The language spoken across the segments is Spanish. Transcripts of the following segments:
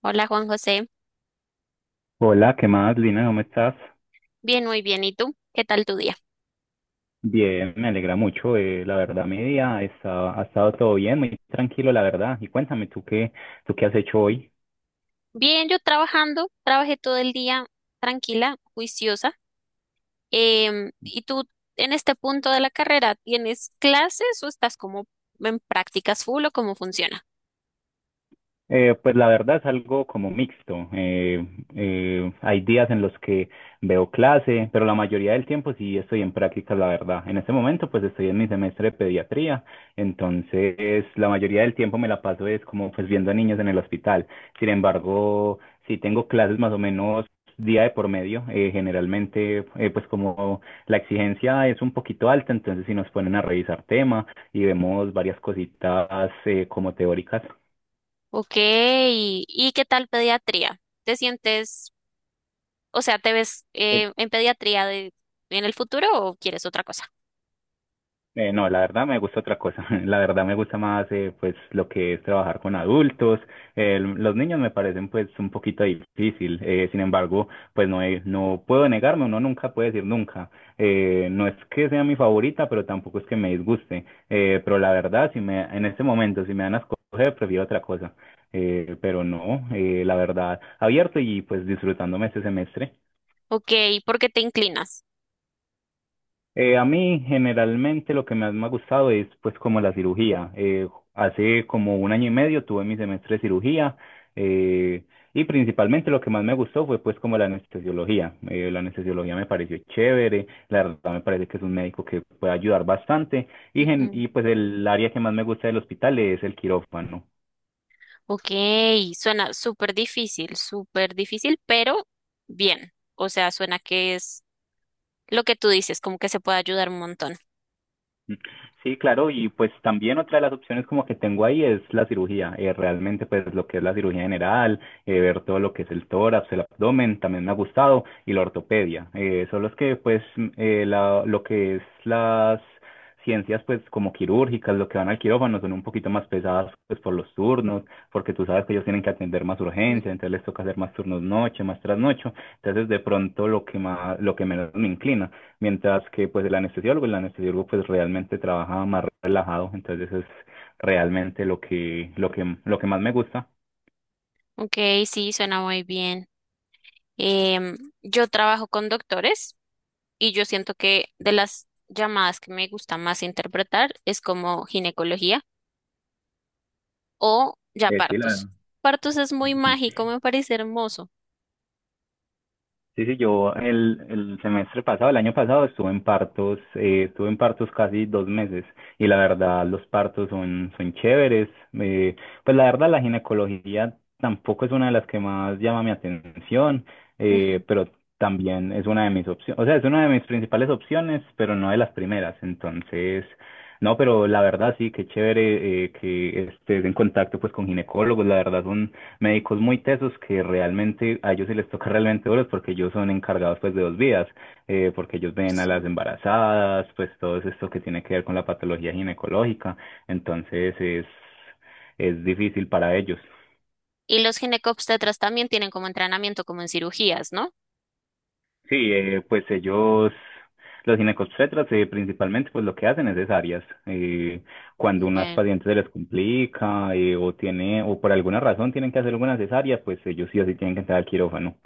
Hola Juan José, Hola, ¿qué más, Lina? ¿Cómo estás? bien, muy bien. ¿Y tú? ¿Qué tal tu día? Bien, me alegra mucho. La verdad, mi día ha estado todo bien, muy tranquilo, la verdad. Y cuéntame, ¿tú qué has hecho hoy? Bien, yo trabajando, trabajé todo el día tranquila, juiciosa. ¿Y tú en este punto de la carrera tienes clases o estás como en prácticas full o cómo funciona? Pues la verdad es algo como mixto. Hay días en los que veo clase, pero la mayoría del tiempo sí estoy en práctica, la verdad. En este momento pues estoy en mi semestre de pediatría, entonces la mayoría del tiempo me la paso es como pues viendo a niños en el hospital. Sin embargo, sí tengo clases más o menos día de por medio. Generalmente pues como la exigencia es un poquito alta, entonces sí nos ponen a revisar tema y vemos varias cositas como teóricas. Ok, ¿y qué tal pediatría? ¿Te sientes, o sea, te ves eh, en pediatría de, en el futuro o quieres otra cosa? No, la verdad me gusta otra cosa. La verdad me gusta más pues lo que es trabajar con adultos. Los niños me parecen pues un poquito difícil. Sin embargo, pues no puedo negarme, uno nunca puede decir nunca. No es que sea mi favorita, pero tampoco es que me disguste. Pero la verdad, si me en este momento si me dan a escoger, prefiero otra cosa. Pero no, la verdad, abierto y pues disfrutándome este semestre. Ok, ¿por qué te inclinas? A mí generalmente lo que más me ha gustado es pues como la cirugía. Hace como un año y medio tuve mi semestre de cirugía eh, y principalmente lo que más me gustó fue pues como la anestesiología. La anestesiología me pareció chévere, la verdad me parece que es un médico que puede ayudar bastante y, y pues el área que más me gusta del hospital es el quirófano. Ok, suena súper difícil, pero bien. O sea, suena que es lo que tú dices, como que se puede ayudar un montón. Sí, claro, y pues también otra de las opciones como que tengo ahí es la cirugía, realmente pues lo que es la cirugía general, ver todo lo que es el tórax, el abdomen, también me ha gustado, y la ortopedia, son los que pues lo que es las ciencias pues como quirúrgicas, lo que van al quirófano son un poquito más pesadas pues por los turnos, porque tú sabes que ellos tienen que atender más Mm. urgencia, entonces les toca hacer más turnos noche, más trasnocho, entonces de pronto lo que menos me inclina. Mientras que pues el anestesiólogo pues realmente trabaja más relajado, entonces es realmente lo que más me gusta. Ok, sí, suena muy bien. Em, yo trabajo con doctores y yo siento que de las llamadas que me gusta más interpretar es como ginecología o ya Eh, sí, partos. la, Partos es muy mágico, me parece hermoso. Sí, sí, el semestre pasado, el año pasado, estuve en partos casi dos meses y la verdad los partos son chéveres. eh, pues la verdad la ginecología tampoco es una de las que más llama mi atención, Ujú, pero también es una de mis opciones, o sea, es una de mis principales opciones, pero no de las primeras. Entonces, no, pero la verdad sí, qué chévere que estés en contacto pues con ginecólogos, la verdad son médicos muy tesos que realmente a ellos sí les toca realmente duros porque ellos son encargados pues de dos vías, porque ellos ay, ven a sí. las embarazadas, pues todo esto que tiene que ver con la patología ginecológica, entonces es difícil para ellos. Y los ginecobstetras también tienen como entrenamiento, como en cirugías, ¿no? Sí, pues ellos, los ginecobstetras, principalmente, pues lo que hacen es cesáreas. Cuando unas Ok. pacientes se les complica o por alguna razón tienen que hacer alguna cesárea, pues ellos sí o sí tienen que entrar al quirófano.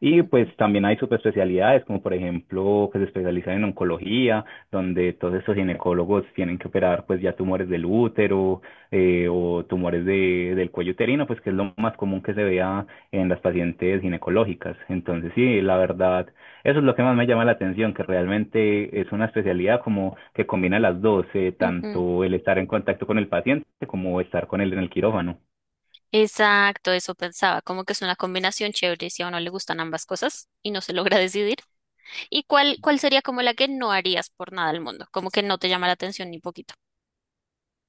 Y pues también hay subespecialidades, como por ejemplo, que se especializan en oncología, donde todos estos ginecólogos tienen que operar pues ya tumores del útero o tumores del cuello uterino, pues que es lo más común que se vea en las pacientes ginecológicas. Entonces, sí, la verdad eso es lo que más me llama la atención, que realmente es una especialidad como que combina las dos, Ujú. tanto el estar en contacto con el paciente como estar con él en el quirófano. Exacto, eso pensaba, como que es una combinación chévere si a uno le gustan ambas cosas y no se logra decidir. ¿Y cuál sería como la que no harías por nada al mundo? Como que no te llama la atención ni poquito.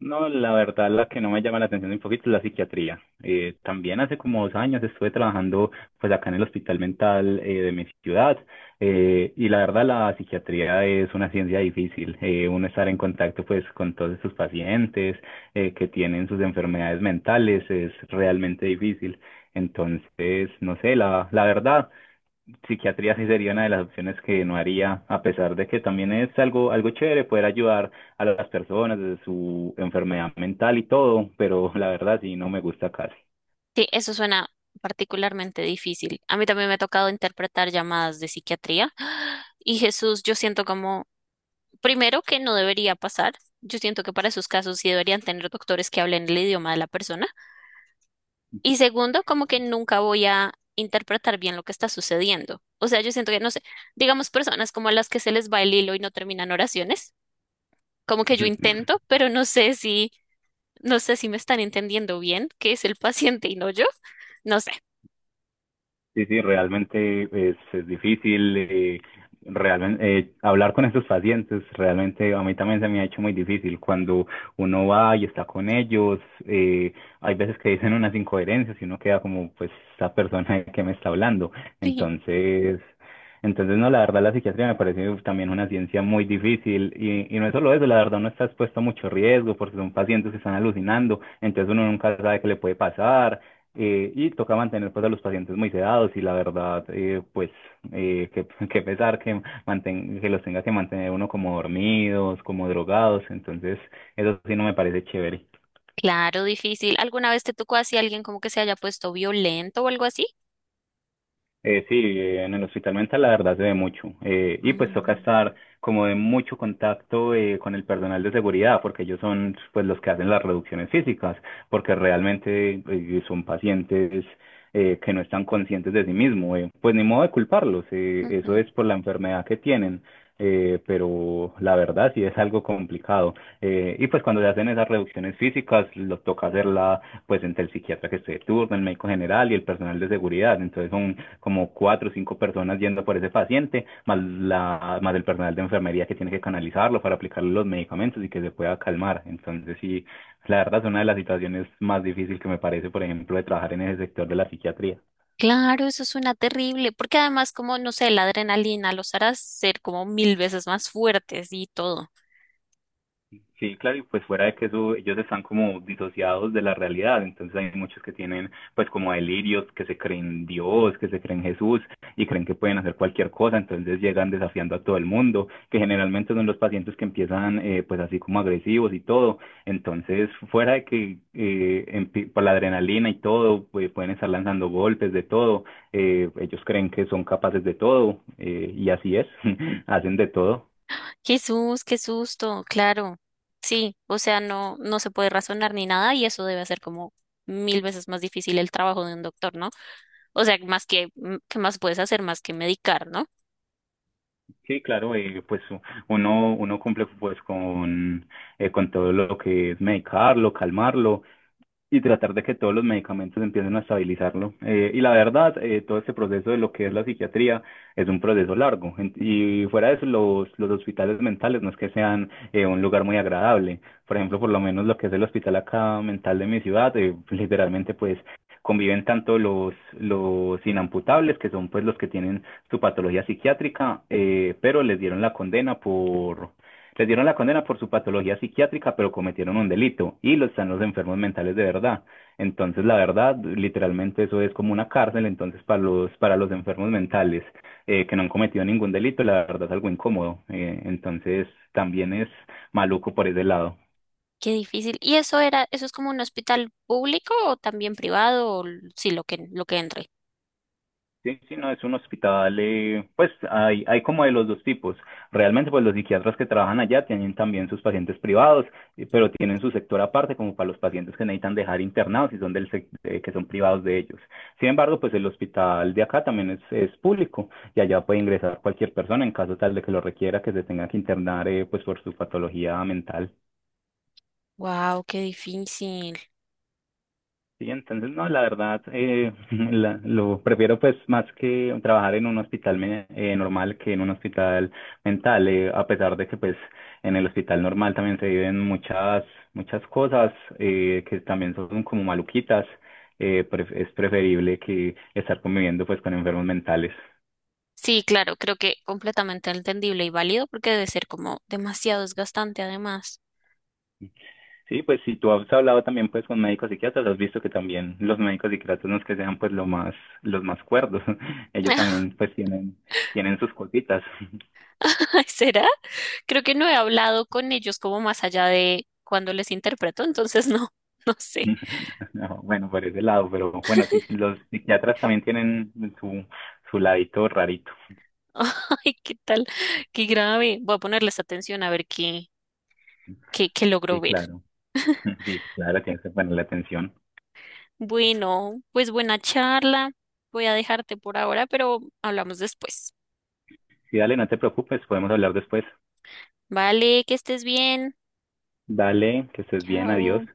No, la verdad, la que no me llama la atención un poquito es la psiquiatría. También hace como dos años estuve trabajando pues acá en el hospital mental de mi ciudad y la verdad la psiquiatría es una ciencia difícil. Uno estar en contacto pues con todos sus pacientes que tienen sus enfermedades mentales es realmente difícil. Entonces, no sé, la verdad psiquiatría sí sería una de las opciones que no haría, a pesar de que también es algo, algo chévere poder ayudar a las personas de su enfermedad mental y todo, pero la verdad sí no me gusta casi. Sí, eso suena particularmente difícil. A mí también me ha tocado interpretar llamadas de psiquiatría y Jesús, yo siento como, primero que no debería pasar, yo siento que para esos casos sí deberían tener doctores que hablen el idioma de la persona. Y segundo, como que nunca voy a interpretar bien lo que está sucediendo. O sea, yo siento que, no sé, digamos personas como las que se les va el hilo y no terminan oraciones, como que yo intento, pero no sé si, no sé si me están entendiendo bien, que es el paciente y no yo. No sé. Sí, sí, realmente es difícil realmente hablar con esos pacientes. Realmente a mí también se me ha hecho muy difícil cuando uno va y está con ellos. eh, Hay veces que dicen unas incoherencias y uno queda como, pues, esta persona que me está hablando. Entonces, entonces no, la verdad la psiquiatría me parece también una ciencia muy difícil y no es solo eso, la verdad uno está expuesto a mucho riesgo porque son pacientes que están alucinando, entonces uno nunca sabe qué le puede pasar y toca mantener pues a los pacientes muy sedados y la verdad, que pesar que los tenga que mantener uno como dormidos, como drogados, entonces eso sí no me parece chévere. Claro, difícil. ¿Alguna vez te tocó así alguien como que se haya puesto violento o algo así? Sí, en el hospital mental la verdad se ve mucho. Y pues toca estar como de mucho contacto con el personal de seguridad, porque ellos son pues los que hacen las reducciones físicas, porque realmente son pacientes que no están conscientes de sí mismos. Eh, pues ni modo de culparlos, eso Ujú. es por la enfermedad que tienen pero la verdad sí es algo complicado. Y pues cuando se hacen esas reducciones físicas, lo toca hacerla pues entre el psiquiatra que esté de turno, el médico general y el personal de seguridad. Entonces son como cuatro o cinco personas yendo por ese paciente, más el personal de enfermería que tiene que canalizarlo para aplicarle los medicamentos y que se pueda calmar. Entonces sí, la verdad es una de las situaciones más difíciles que me parece, por ejemplo, de trabajar en ese sector de la psiquiatría. Claro, eso suena terrible, porque además como, no sé, la adrenalina los hará ser como mil veces más fuertes y todo. Sí, claro, y pues fuera de que eso, ellos están como disociados de la realidad, entonces hay muchos que tienen pues como delirios, que se creen Dios, que se creen Jesús y creen que pueden hacer cualquier cosa, entonces llegan desafiando a todo el mundo, que generalmente son los pacientes que empiezan pues así como agresivos y todo, entonces fuera de que por la adrenalina y todo, pues pueden estar lanzando golpes de todo, ellos creen que son capaces de todo y así es, hacen de todo. Jesús, qué susto, claro. Sí, o sea, no, no se puede razonar ni nada y eso debe hacer como mil veces más difícil el trabajo de un doctor, ¿no? O sea, más que, mm, ¿qué más puedes hacer más que medicar, ¿no? Sí, claro, pues uno cumple pues con todo lo que es medicarlo, calmarlo, y tratar de que todos los medicamentos empiecen a estabilizarlo. Y la verdad, todo este proceso de lo que es la psiquiatría es un proceso largo. Y fuera de eso, los hospitales mentales no es que sean un lugar muy agradable. Por ejemplo, por lo menos lo que es el hospital acá mental de mi ciudad, literalmente pues conviven tanto los inamputables, que son pues los que tienen su patología psiquiátrica, pero les dieron la condena por Retiraron la condena por su patología psiquiátrica, pero cometieron un delito y lo están los enfermos mentales de verdad. Entonces, la verdad, literalmente eso es como una cárcel, entonces para para los enfermos mentales que no han cometido ningún delito, la verdad es algo incómodo. Entonces, también es maluco por ese lado. Qué difícil. ¿Y eso era, eso es como un hospital público o también privado o l- sí, lo que entre? Sí, sí, no, es un hospital, pues hay como de los dos tipos. Realmente, pues los psiquiatras que trabajan allá tienen también sus pacientes privados, pero tienen su sector aparte, como para los pacientes que necesitan dejar internados y son que son privados de ellos. Sin embargo, pues el hospital de acá también es público y allá puede ingresar cualquier persona en caso tal de que lo requiera, que se tenga que internar, pues por su patología mental. Wow, qué difícil. Sí, entonces no, la verdad, lo prefiero pues más que trabajar en un hospital normal que en un hospital mental, a pesar de que pues en el hospital normal también se viven muchas, muchas cosas que también son como maluquitas, es preferible que estar conviviendo pues con enfermos mentales. Sí, claro, creo que completamente entendible y válido porque debe ser como demasiado desgastante además. Sí, pues si tú has hablado también pues con médicos psiquiatras, has visto que también los médicos psiquiatras no es que sean pues los más cuerdos, ellos también pues tienen, tienen sus cositas. Ay, ¿será? Creo que no he hablado con ellos como más allá de cuando les interpreto, entonces no, no sé. No, bueno, por ese lado, pero bueno, sí, los psiquiatras también tienen su, su ladito rarito. Ay, qué tal, qué grave. Voy a ponerles atención a ver qué, qué, qué logro Sí, ver. claro. Sí, claro, tienes que ponerle atención. Bueno, pues buena charla. Voy a dejarte por ahora, pero hablamos después. Sí, dale, no te preocupes, podemos hablar después. Vale, que estés bien. Dale, que estés bien, adiós. Chao.